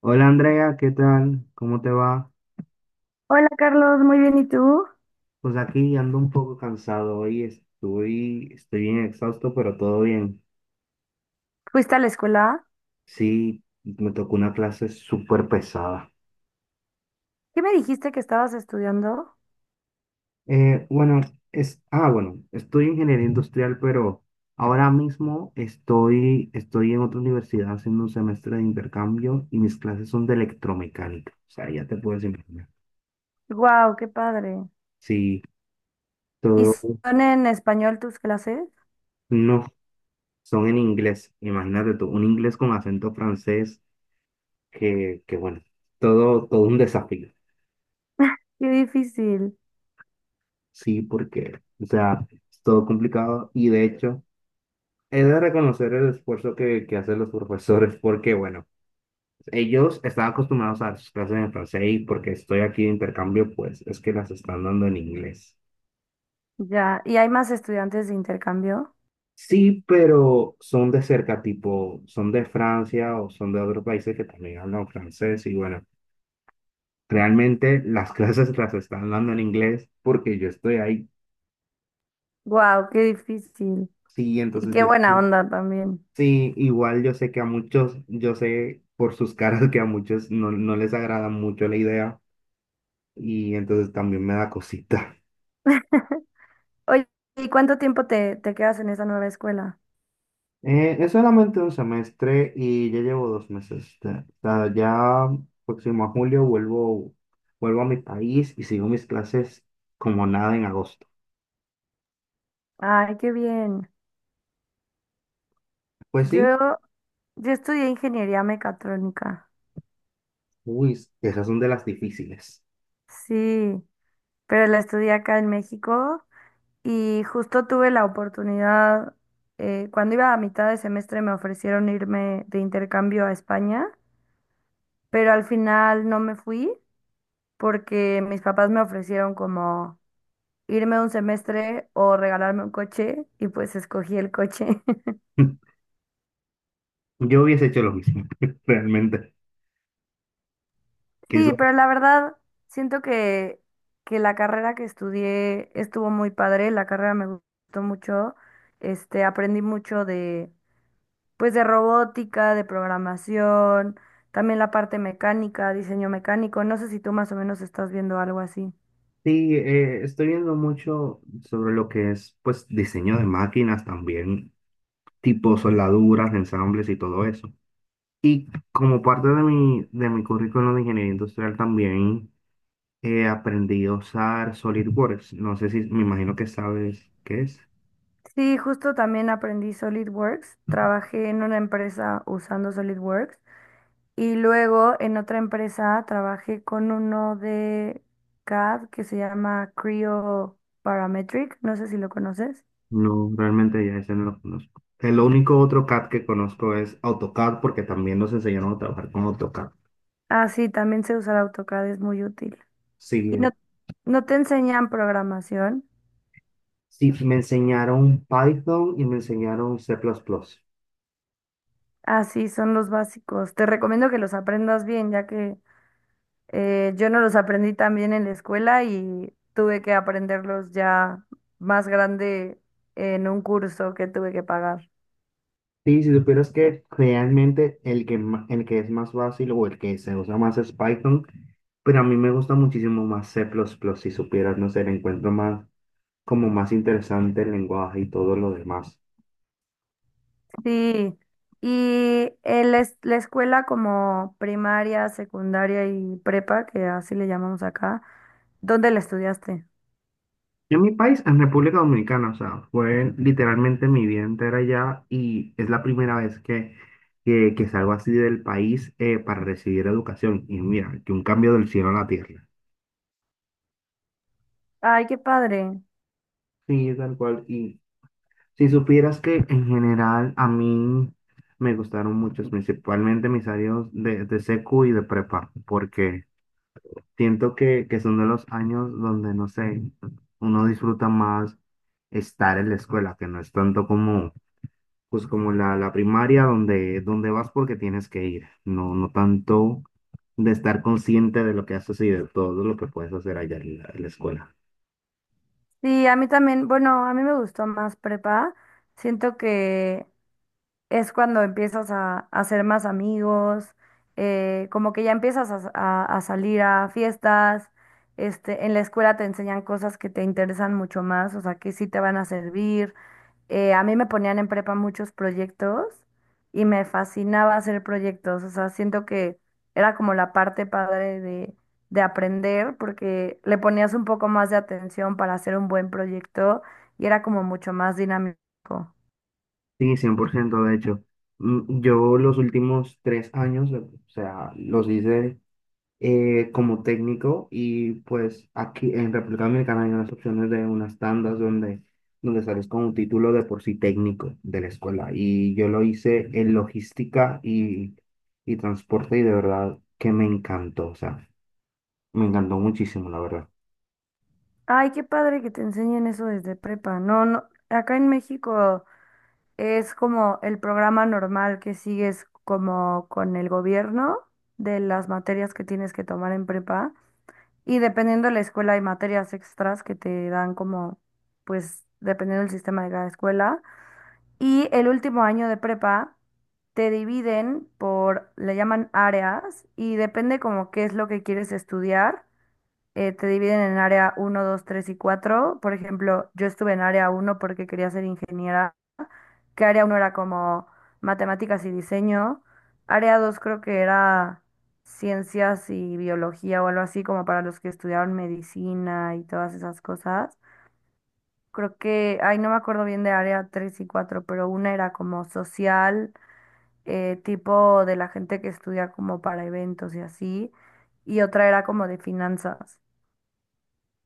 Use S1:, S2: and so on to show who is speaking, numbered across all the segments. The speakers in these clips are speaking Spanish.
S1: Hola Andrea, ¿qué tal? ¿Cómo te va?
S2: Hola Carlos, muy bien, ¿y tú?
S1: Pues aquí ando un poco cansado hoy, estoy bien exhausto, pero todo bien.
S2: ¿Fuiste a la escuela?
S1: Sí, me tocó una clase súper pesada.
S2: ¿Qué me dijiste que estabas estudiando?
S1: Bueno, ah, bueno, estoy en ingeniería industrial, pero ahora mismo estoy en otra universidad haciendo un semestre de intercambio y mis clases son de electromecánica. O sea, ya te puedes imaginar.
S2: ¡Wow, qué padre!
S1: Sí,
S2: ¿Y
S1: todo,
S2: son en español tus clases?
S1: no, son en inglés. Imagínate tú, un inglés con acento francés que bueno, todo un desafío,
S2: ¡Qué difícil!
S1: sí, porque, o sea, es todo complicado y de hecho, he de reconocer el esfuerzo que hacen los profesores porque, bueno, ellos están acostumbrados a sus clases en francés y porque estoy aquí de intercambio, pues es que las están dando en inglés.
S2: Ya, ¿y hay más estudiantes de intercambio?
S1: Sí, pero son de cerca, tipo, son de Francia o son de otros países que también hablan francés y bueno, realmente las clases las están dando en inglés porque yo estoy ahí.
S2: ¡Wow, qué difícil!
S1: Sí,
S2: Y
S1: entonces
S2: qué
S1: yo.
S2: buena onda también.
S1: Sí, igual yo sé que a muchos, yo sé por sus caras que a muchos no, no les agrada mucho la idea y entonces también me da cosita.
S2: Oye, ¿y cuánto tiempo te quedas en esa nueva escuela?
S1: Es solamente un semestre y ya llevo 2 meses. O sea, ya próximo a julio vuelvo, vuelvo a mi país y sigo mis clases como nada en agosto.
S2: ¡Ay, qué bien!
S1: Pues sí,
S2: Yo, yo estudié ingeniería mecatrónica.
S1: uy, esas son de las difíciles.
S2: Sí, pero la estudié acá en México. Y justo tuve la oportunidad, cuando iba a mitad de semestre me ofrecieron irme de intercambio a España, pero al final no me fui porque mis papás me ofrecieron como irme un semestre o regalarme un coche y pues escogí el coche.
S1: Yo hubiese hecho lo mismo, realmente. Que
S2: Sí,
S1: eso.
S2: pero la verdad siento que la carrera que estudié estuvo muy padre, la carrera me gustó mucho, aprendí mucho de pues de robótica, de programación, también la parte mecánica, diseño mecánico. No sé si tú más o menos estás viendo algo así.
S1: Sí, estoy viendo mucho sobre lo que es, pues, diseño de máquinas también, tipo soldaduras, ensambles y todo eso. Y como parte de mi currículum de ingeniería industrial también aprendí a usar SolidWorks. No sé si, me imagino que sabes qué es.
S2: Sí, justo también aprendí SolidWorks. Trabajé en una empresa usando SolidWorks y luego en otra empresa trabajé con uno de CAD que se llama Creo Parametric. No sé si lo conoces.
S1: No, realmente ya ese no lo conozco. El único otro CAD que conozco es AutoCAD porque también nos enseñaron a trabajar con AutoCAD.
S2: Ah, sí, también sé usar AutoCAD, es muy útil.
S1: Sí.
S2: Y no, no te enseñan programación.
S1: Sí, me enseñaron Python y me enseñaron C++.
S2: Así son los básicos. Te recomiendo que los aprendas bien, ya que yo no los aprendí tan bien en la escuela y tuve que aprenderlos ya más grande en un curso que tuve que pagar.
S1: Sí, si supieras que realmente el que, el que es más fácil o el que se usa más es Python, pero a mí me gusta muchísimo más C++, si supieras, no sé, le encuentro más, como más interesante el lenguaje y todo lo demás.
S2: Sí, y la escuela como primaria, secundaria y prepa, que así le llamamos acá, ¿dónde la estudiaste?
S1: En mi país, en República Dominicana, o sea, fue literalmente mi vida entera allá y es la primera vez que salgo así del país para recibir educación. Y mira, que un cambio del cielo a la tierra.
S2: Ay, qué padre.
S1: Sí, tal cual. Si supieras que en general a mí me gustaron muchos, principalmente mis años de secu y de prepa, porque siento que son de los años donde, no sé, uno disfruta más estar en la escuela, que no es tanto como, pues como la primaria donde vas porque tienes que ir, no, no tanto de estar consciente de lo que haces y de todo lo que puedes hacer allá en la escuela.
S2: Sí, a mí también, bueno, a mí me gustó más prepa. Siento que es cuando empiezas a hacer más amigos, como que ya empiezas a salir a fiestas, en la escuela te enseñan cosas que te interesan mucho más, o sea, que sí te van a servir. A mí me ponían en prepa muchos proyectos y me fascinaba hacer proyectos, o sea, siento que era como la parte padre de aprender porque le ponías un poco más de atención para hacer un buen proyecto y era como mucho más dinámico.
S1: Sí, 100% de hecho. Mm. Yo los últimos 3 años, o sea, los hice como técnico y pues aquí en República Dominicana hay unas opciones de unas tandas donde, donde sales con un título de por sí técnico de la escuela. Y yo lo hice en logística y transporte y de verdad que me encantó, o sea, me encantó muchísimo, la verdad.
S2: Ay, qué padre que te enseñen eso desde prepa. No, no, acá en México es como el programa normal que sigues como con el gobierno de las materias que tienes que tomar en prepa. Y dependiendo de la escuela hay materias extras que te dan como, pues, dependiendo del sistema de cada escuela. Y el último año de prepa te dividen por, le llaman áreas y depende como qué es lo que quieres estudiar, te dividen en área uno 2 3 y cuatro. Por ejemplo, yo estuve en área uno porque quería ser ingeniera, que área uno era como matemáticas y diseño. Área 2 creo que era ciencias y biología o algo así, como para los que estudiaron medicina y todas esas cosas. Creo que, ay, no me acuerdo bien de área 3 y cuatro, pero una era como social, tipo de la gente que estudia como para eventos y así, y otra era como de finanzas.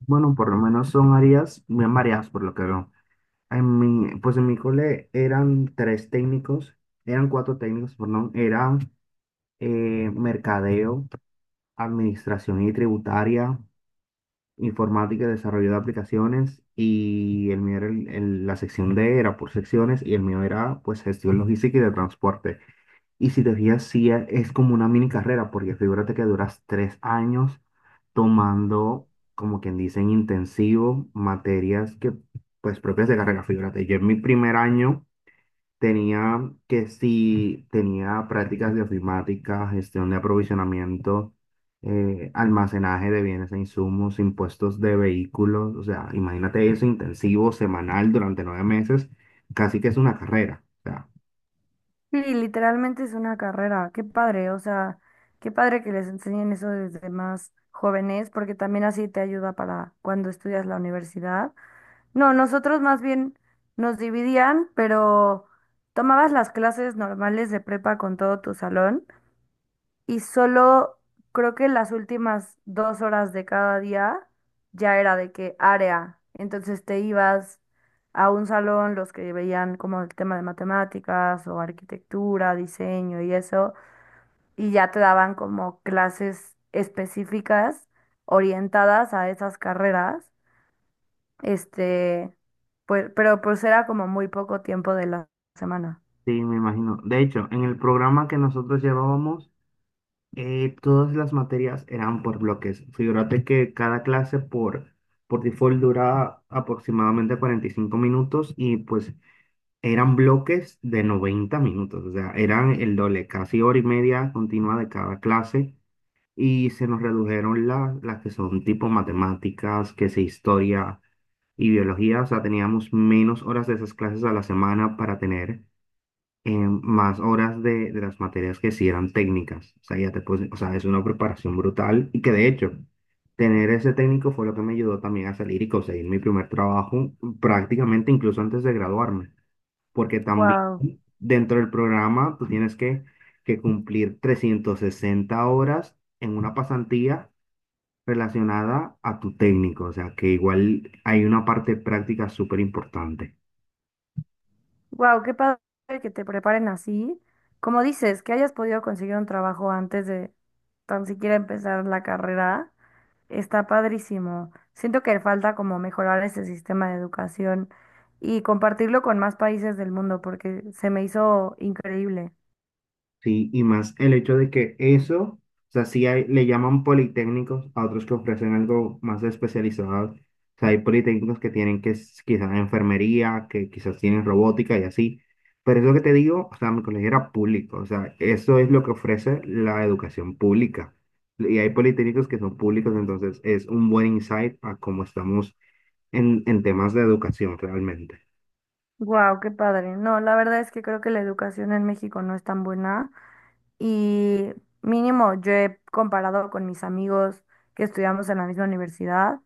S1: Bueno, por lo menos son áreas bien variadas por lo que veo. Pues en mi cole eran tres técnicos, eran cuatro técnicos, perdón, eran mercadeo, administración y tributaria, informática y desarrollo de aplicaciones, y el mío era la sección D, era por secciones, y el mío era pues gestión logística y de transporte. Y si te fijas, sí es como una mini carrera, porque figúrate que duras 3 años tomando, como quien dice, en intensivo materias que pues propias de carrera, figúrate, yo en mi primer año tenía que si tenía prácticas de ofimática, gestión de aprovisionamiento, almacenaje de bienes e insumos, impuestos de vehículos, o sea, imagínate eso intensivo, semanal, durante 9 meses, casi que es una carrera, o sea.
S2: Sí, literalmente es una carrera. Qué padre, o sea, qué padre que les enseñen eso desde más jóvenes, porque también así te ayuda para cuando estudias la universidad. No, nosotros más bien nos dividían, pero tomabas las clases normales de prepa con todo tu salón y solo creo que las últimas dos horas de cada día ya era de qué área. Entonces te ibas a un salón, los que veían como el tema de matemáticas o arquitectura, diseño y eso, y ya te daban como clases específicas orientadas a esas carreras. Este, pues, pero pues era como muy poco tiempo de la semana.
S1: Sí, me imagino. De hecho, en el programa que nosotros llevábamos, todas las materias eran por bloques. Figúrate que cada clase por default dura aproximadamente 45 minutos y pues eran bloques de 90 minutos, o sea, eran el doble, casi hora y media continua de cada clase y se nos redujeron las que son tipo matemáticas, que sea historia y biología, o sea, teníamos menos horas de esas clases a la semana para tener eh, más horas de las materias que sí eran técnicas, o sea, ya te puedes, o sea, es una preparación brutal y que de hecho, tener ese técnico fue lo que me ayudó también a salir y conseguir mi primer trabajo prácticamente incluso antes de graduarme porque también
S2: Wow.
S1: dentro del programa tú tienes que cumplir 360 horas en una pasantía relacionada a tu técnico, o sea que igual hay una parte práctica súper importante.
S2: Wow, qué padre que te preparen así. Como dices, que hayas podido conseguir un trabajo antes de tan siquiera empezar la carrera, está padrísimo. Siento que falta como mejorar ese sistema de educación y compartirlo con más países del mundo porque se me hizo increíble.
S1: Sí, y más el hecho de que eso, o sea, sí le llaman politécnicos a otros que ofrecen algo más especializado. O sea, hay politécnicos que tienen que quizás enfermería, que quizás tienen robótica y así. Pero eso que te digo, o sea, mi colegio era público. O sea, eso es lo que ofrece la educación pública. Y hay politécnicos que son públicos, entonces es un buen insight a cómo estamos en temas de educación realmente.
S2: Wow, qué padre. No, la verdad es que creo que la educación en México no es tan buena y mínimo yo he comparado con mis amigos que estudiamos en la misma universidad.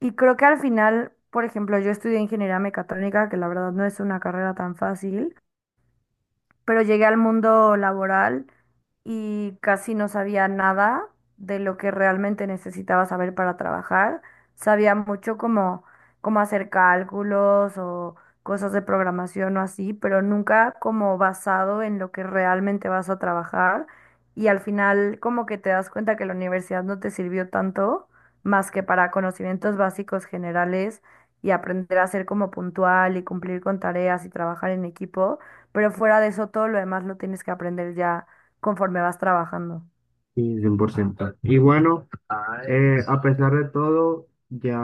S2: Y creo que al final, por ejemplo, yo estudié ingeniería mecatrónica, que la verdad no es una carrera tan fácil, pero llegué al mundo laboral y casi no sabía nada de lo que realmente necesitaba saber para trabajar. Sabía mucho como cómo hacer cálculos o cosas de programación o así, pero nunca como basado en lo que realmente vas a trabajar. Y al final como que te das cuenta que la universidad no te sirvió tanto más que para conocimientos básicos generales y aprender a ser como puntual y cumplir con tareas y trabajar en equipo, pero fuera de eso, todo lo demás lo tienes que aprender ya conforme vas trabajando.
S1: Sí, cien por ciento. Y bueno, a pesar de todo, ya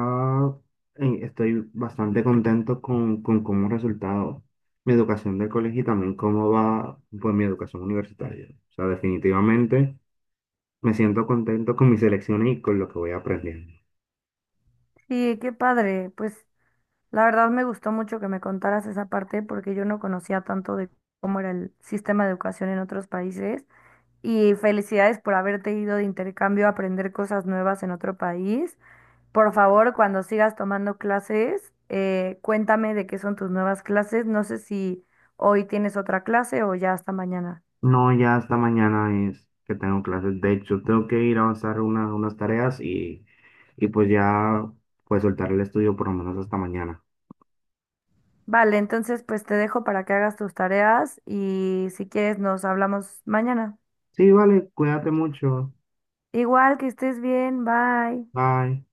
S1: estoy bastante contento con cómo ha resultado mi educación del colegio y también cómo va pues, mi educación universitaria. O sea, definitivamente me siento contento con mis elecciones y con lo que voy aprendiendo.
S2: Sí, qué padre. Pues la verdad me gustó mucho que me contaras esa parte porque yo no conocía tanto de cómo era el sistema de educación en otros países. Y felicidades por haberte ido de intercambio a aprender cosas nuevas en otro país. Por favor, cuando sigas tomando clases, cuéntame de qué son tus nuevas clases. No sé si hoy tienes otra clase o ya hasta mañana.
S1: No, ya hasta mañana es que tengo clases. De hecho, tengo que ir a avanzar unas tareas y pues ya pues soltar el estudio por lo menos hasta mañana.
S2: Vale, entonces pues te dejo para que hagas tus tareas y si quieres nos hablamos mañana.
S1: Sí, vale, cuídate mucho.
S2: Igual que estés bien, bye.
S1: Bye.